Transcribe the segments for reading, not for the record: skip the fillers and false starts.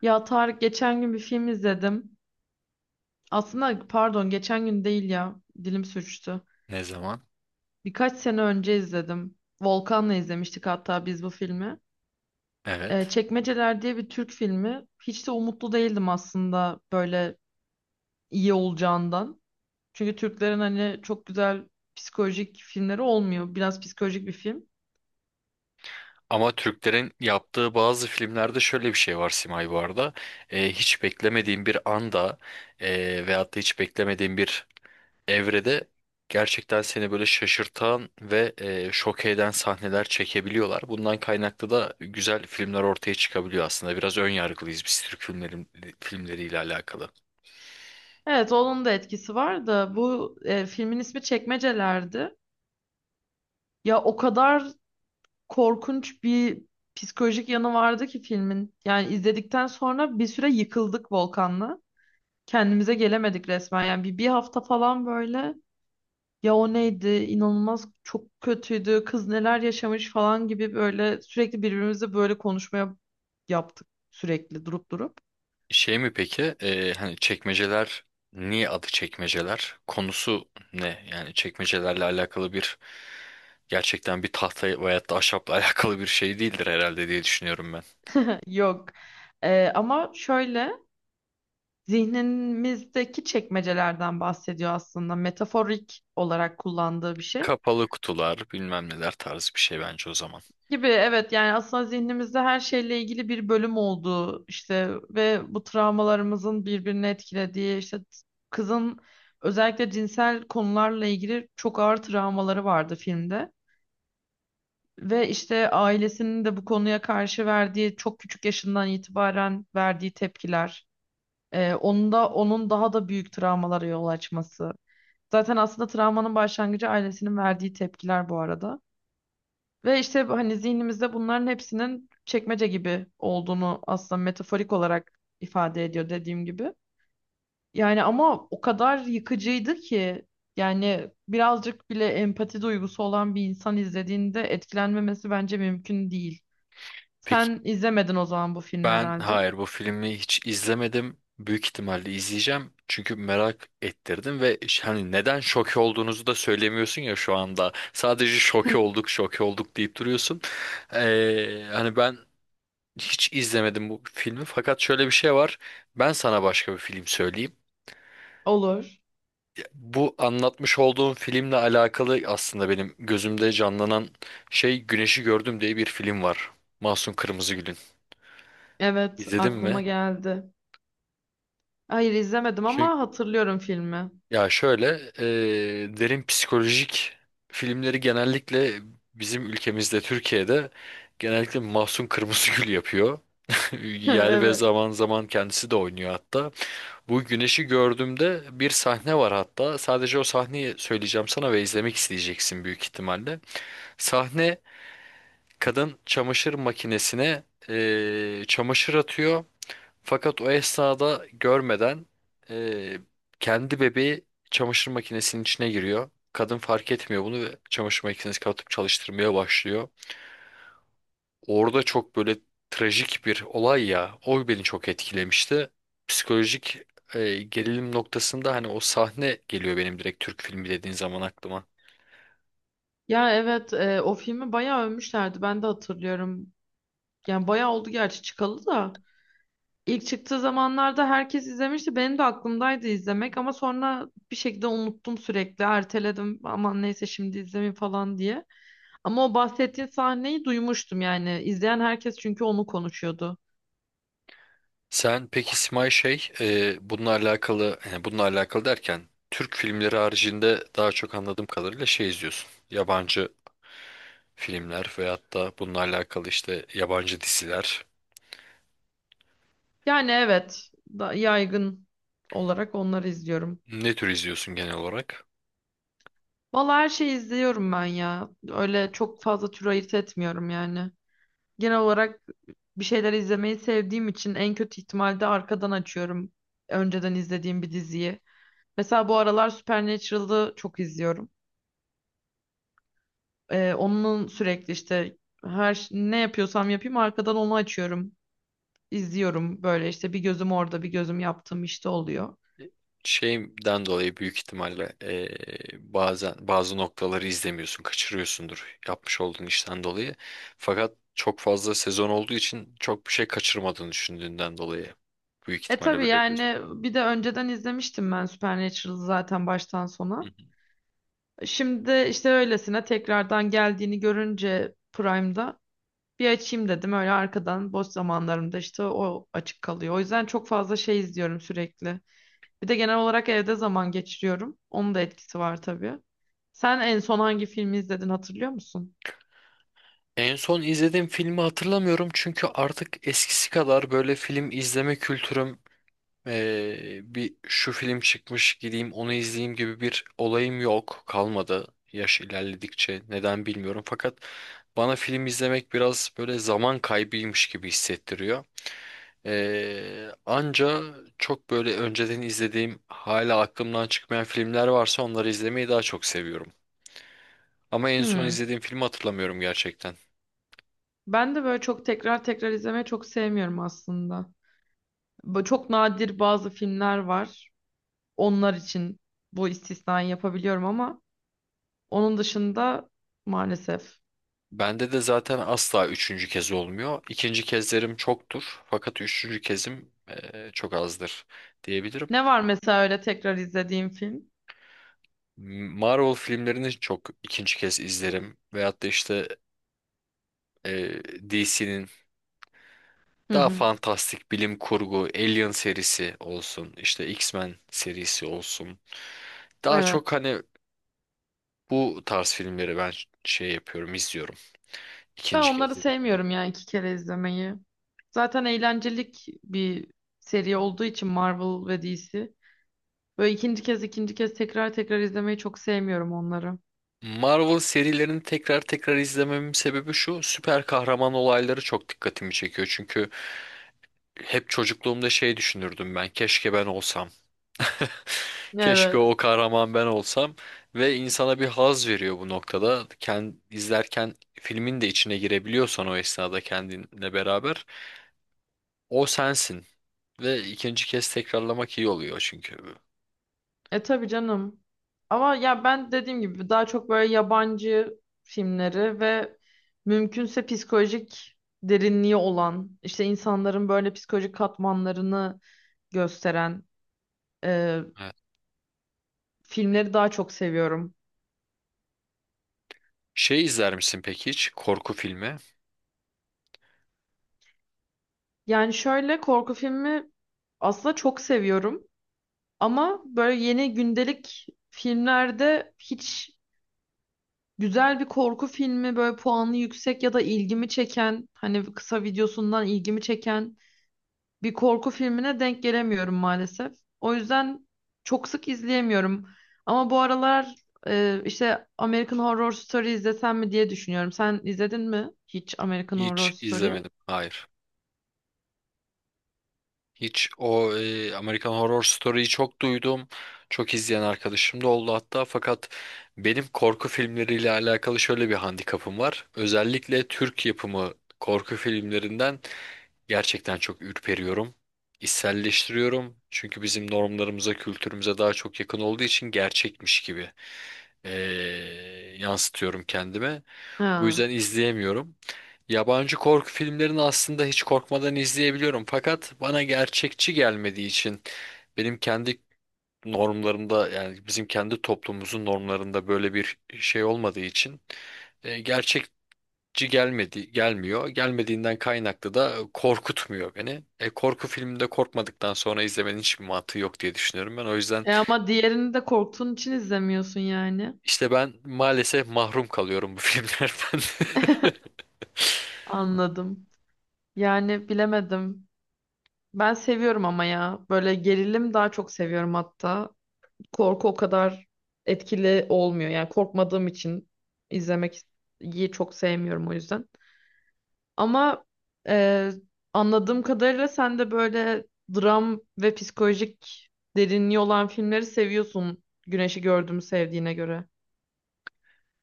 Ya Tarık, geçen gün bir film izledim. Aslında pardon, geçen gün değil ya. Dilim sürçtü. Ne zaman? Birkaç sene önce izledim. Volkan'la izlemiştik hatta biz bu filmi. Evet. Çekmeceler diye bir Türk filmi. Hiç de umutlu değildim aslında böyle iyi olacağından. Çünkü Türklerin hani çok güzel psikolojik filmleri olmuyor. Biraz psikolojik bir film. Ama Türklerin yaptığı bazı filmlerde şöyle bir şey var Simay bu arada. Hiç beklemediğin bir anda veyahut da hiç beklemediğin bir evrede gerçekten seni böyle şaşırtan ve şok eden sahneler çekebiliyorlar. Bundan kaynaklı da güzel filmler ortaya çıkabiliyor aslında. Biraz ön yargılıyız biz Türk filmleriyle alakalı. Evet, onun da etkisi var da bu filmin ismi Çekmeceler'di. Ya o kadar korkunç bir psikolojik yanı vardı ki filmin. Yani izledikten sonra bir süre yıkıldık Volkan'la. Kendimize gelemedik resmen. Yani bir hafta falan böyle, ya o neydi, inanılmaz çok kötüydü, kız neler yaşamış falan gibi böyle sürekli birbirimizle böyle konuşmaya yaptık sürekli durup durup. Şey mi peki? Hani çekmeceler niye adı çekmeceler? Konusu ne? Yani çekmecelerle alakalı bir gerçekten bir tahta veyahut da ahşapla alakalı bir şey değildir herhalde diye düşünüyorum ben. Yok. Ama şöyle, zihnimizdeki çekmecelerden bahsediyor aslında. Metaforik olarak kullandığı bir şey. Kapalı kutular, bilmem neler tarzı bir şey bence o zaman. Gibi, evet, yani aslında zihnimizde her şeyle ilgili bir bölüm olduğu işte ve bu travmalarımızın birbirini etkilediği işte, kızın özellikle cinsel konularla ilgili çok ağır travmaları vardı filmde. Ve işte ailesinin de bu konuya karşı verdiği, çok küçük yaşından itibaren verdiği tepkiler. Onun da onun daha da büyük travmalara yol açması. Zaten aslında travmanın başlangıcı ailesinin verdiği tepkiler bu arada. Ve işte hani zihnimizde bunların hepsinin çekmece gibi olduğunu aslında metaforik olarak ifade ediyor, dediğim gibi. Yani ama o kadar yıkıcıydı ki, yani birazcık bile empati duygusu olan bir insan izlediğinde etkilenmemesi bence mümkün değil. Peki, Sen izlemedin o zaman bu filmi ben herhalde. hayır bu filmi hiç izlemedim. Büyük ihtimalle izleyeceğim. Çünkü merak ettirdim ve hani neden şoke olduğunuzu da söylemiyorsun ya şu anda. Sadece şoke olduk, şoke olduk deyip duruyorsun. Hani ben hiç izlemedim bu filmi fakat şöyle bir şey var. Ben sana başka bir film söyleyeyim. Olur. Bu anlatmış olduğum filmle alakalı aslında benim gözümde canlanan şey Güneşi Gördüm diye bir film var. Mahsun Kırmızıgül'ün. Evet, İzledin aklıma mi? geldi. Hayır izlemedim Çünkü ama hatırlıyorum filmi. ya şöyle derin psikolojik filmleri genellikle bizim ülkemizde Türkiye'de genellikle Mahsun Kırmızıgül yapıyor. Yer ve Evet. zaman zaman kendisi de oynuyor hatta. Bu güneşi gördüğümde bir sahne var hatta. Sadece o sahneyi söyleyeceğim sana ve izlemek isteyeceksin büyük ihtimalle. Sahne, kadın çamaşır makinesine çamaşır atıyor. Fakat o esnada görmeden eee, kendi bebeği çamaşır makinesinin içine giriyor. Kadın fark etmiyor bunu ve çamaşır makinesini kapatıp çalıştırmaya başlıyor. Orada çok böyle trajik bir olay ya. O beni çok etkilemişti. Psikolojik gerilim noktasında hani o sahne geliyor benim direkt Türk filmi dediğin zaman aklıma. Ya evet, o filmi bayağı övmüşlerdi, ben de hatırlıyorum. Yani bayağı oldu gerçi çıkalı da. İlk çıktığı zamanlarda herkes izlemişti. Benim de aklımdaydı izlemek ama sonra bir şekilde unuttum sürekli. Erteledim, aman neyse şimdi izlemeyeyim falan diye. Ama o bahsettiğin sahneyi duymuştum yani. İzleyen herkes çünkü onu konuşuyordu. Sen peki Simay şey bununla alakalı, yani bununla alakalı derken Türk filmleri haricinde daha çok anladığım kadarıyla şey izliyorsun. Yabancı filmler veyahut da bununla alakalı işte yabancı diziler. Yani evet, da yaygın olarak onları izliyorum. Ne tür izliyorsun genel olarak? Valla her şeyi izliyorum ben ya. Öyle çok fazla tür ayırt etmiyorum yani. Genel olarak bir şeyler izlemeyi sevdiğim için en kötü ihtimalde arkadan açıyorum önceden izlediğim bir diziyi. Mesela bu aralar Supernatural'ı çok izliyorum. Onun sürekli işte, ne yapıyorsam yapayım arkadan onu açıyorum. İzliyorum böyle işte, bir gözüm orada bir gözüm yaptığım işte oluyor. Şeyden dolayı büyük ihtimalle bazen bazı noktaları izlemiyorsun, kaçırıyorsundur yapmış olduğun işten dolayı. Fakat çok fazla sezon olduğu için çok bir şey kaçırmadığını düşündüğünden dolayı büyük E ihtimalle tabii böyle yapıyorsun. yani, bir de önceden izlemiştim ben Supernatural'ı zaten baştan Hı sona. hı. Şimdi işte öylesine tekrardan geldiğini görünce Prime'da bir açayım dedim, öyle arkadan boş zamanlarımda işte o açık kalıyor. O yüzden çok fazla şey izliyorum sürekli. Bir de genel olarak evde zaman geçiriyorum. Onun da etkisi var tabii. Sen en son hangi filmi izledin, hatırlıyor musun? En son izlediğim filmi hatırlamıyorum çünkü artık eskisi kadar böyle film izleme kültürüm bir şu film çıkmış gideyim onu izleyeyim gibi bir olayım yok kalmadı. Yaş ilerledikçe neden bilmiyorum fakat bana film izlemek biraz böyle zaman kaybıymış gibi hissettiriyor. Anca çok böyle önceden izlediğim hala aklımdan çıkmayan filmler varsa onları izlemeyi daha çok seviyorum. Ama en son Hmm. izlediğim filmi hatırlamıyorum gerçekten. Ben de böyle çok tekrar tekrar izlemeyi çok sevmiyorum aslında. Böyle çok nadir bazı filmler var. Onlar için bu istisnayı yapabiliyorum ama onun dışında maalesef. Bende de zaten asla üçüncü kez olmuyor. İkinci kezlerim çoktur. Fakat üçüncü kezim çok azdır diyebilirim. Ne var mesela öyle tekrar izlediğim film? Marvel filmlerini çok ikinci kez izlerim. Veyahut da işte DC'nin Hı daha hı. fantastik bilim kurgu Alien serisi olsun, işte X-Men serisi olsun. Daha Evet. çok hani bu tarz filmleri ben şey yapıyorum, izliyorum. Ben İkinci kez onları dedik. sevmiyorum yani, iki kere izlemeyi. Zaten eğlencelik bir seri olduğu için Marvel ve DC. Böyle ikinci kez tekrar tekrar izlemeyi çok sevmiyorum onları. Marvel serilerini tekrar tekrar izlememin sebebi şu: süper kahraman olayları çok dikkatimi çekiyor. Çünkü hep çocukluğumda şey düşünürdüm ben, keşke ben olsam. Keşke Evet. o kahraman ben olsam ve insana bir haz veriyor bu noktada. Kend, izlerken filmin de içine girebiliyorsan o esnada kendinle beraber o sensin ve ikinci kez tekrarlamak iyi oluyor çünkü. E tabii canım. Ama ya ben dediğim gibi daha çok böyle yabancı filmleri ve mümkünse psikolojik derinliği olan, işte insanların böyle psikolojik katmanlarını gösteren e, Evet. filmleri daha çok seviyorum. Şey izler misin peki hiç? Korku filmi? Yani şöyle, korku filmi aslında çok seviyorum ama böyle yeni gündelik filmlerde hiç. Güzel bir korku filmi, böyle puanı yüksek ya da ilgimi çeken, hani kısa videosundan ilgimi çeken bir korku filmine denk gelemiyorum maalesef. O yüzden çok sık izleyemiyorum. Ama bu aralar işte American Horror Story izlesem mi diye düşünüyorum. Sen izledin mi hiç American Horror Hiç Story'yi? izlemedim. Hayır. Hiç o American Horror Story'yi çok duydum. Çok izleyen arkadaşım da oldu hatta. Fakat benim korku filmleriyle alakalı şöyle bir handikapım var. Özellikle Türk yapımı korku filmlerinden gerçekten çok ürperiyorum. İçselleştiriyorum. Çünkü bizim normlarımıza, kültürümüze daha çok yakın olduğu için gerçekmiş gibi e, yansıtıyorum kendime. Bu Ha. yüzden izleyemiyorum. Yabancı korku filmlerini aslında hiç korkmadan izleyebiliyorum. Fakat bana gerçekçi gelmediği için benim kendi normlarımda, yani bizim kendi toplumumuzun normlarında böyle bir şey olmadığı için e, gerçekçi gelmedi gelmiyor. Gelmediğinden kaynaklı da korkutmuyor beni. Korku filminde korkmadıktan sonra izlemenin hiçbir mantığı yok diye düşünüyorum ben. O yüzden E ama diğerini de korktuğun için izlemiyorsun yani. işte ben maalesef mahrum kalıyorum bu filmlerden. Anladım. Yani bilemedim. Ben seviyorum ama ya. Böyle gerilim daha çok seviyorum hatta. Korku o kadar etkili olmuyor. Yani korkmadığım için izlemek iyi, çok sevmiyorum o yüzden. Ama e, anladığım kadarıyla sen de böyle dram ve psikolojik derinliği olan filmleri seviyorsun. Güneşi Gördüğümü sevdiğine göre.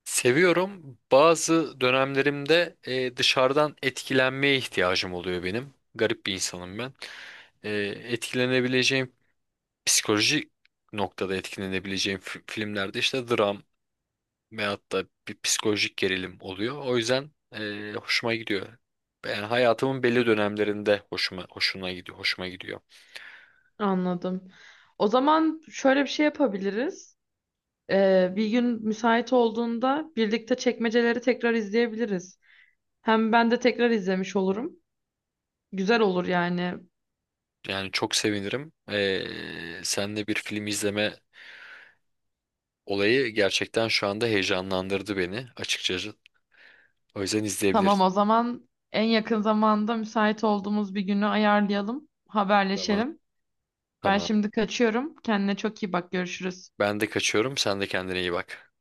Seviyorum. Bazı dönemlerimde dışarıdan etkilenmeye ihtiyacım oluyor benim. Garip bir insanım ben. E, Etkilenebileceğim psikolojik noktada etkilenebileceğim filmlerde işte dram veyahut da bir psikolojik gerilim oluyor. O yüzden hoşuma gidiyor. Yani hayatımın belli dönemlerinde hoşuna gidiyor, hoşuma gidiyor. Anladım. O zaman şöyle bir şey yapabiliriz. Bir gün müsait olduğunda birlikte Çekmeceleri tekrar izleyebiliriz. Hem ben de tekrar izlemiş olurum. Güzel olur yani. Yani çok sevinirim. Seninle bir film izleme olayı gerçekten şu anda heyecanlandırdı beni açıkçası. O yüzden Tamam, izleyebiliriz. o zaman en yakın zamanda müsait olduğumuz bir günü ayarlayalım, Tamam. haberleşelim. Ben Tamam. şimdi kaçıyorum. Kendine çok iyi bak. Görüşürüz. Ben de kaçıyorum. Sen de kendine iyi bak.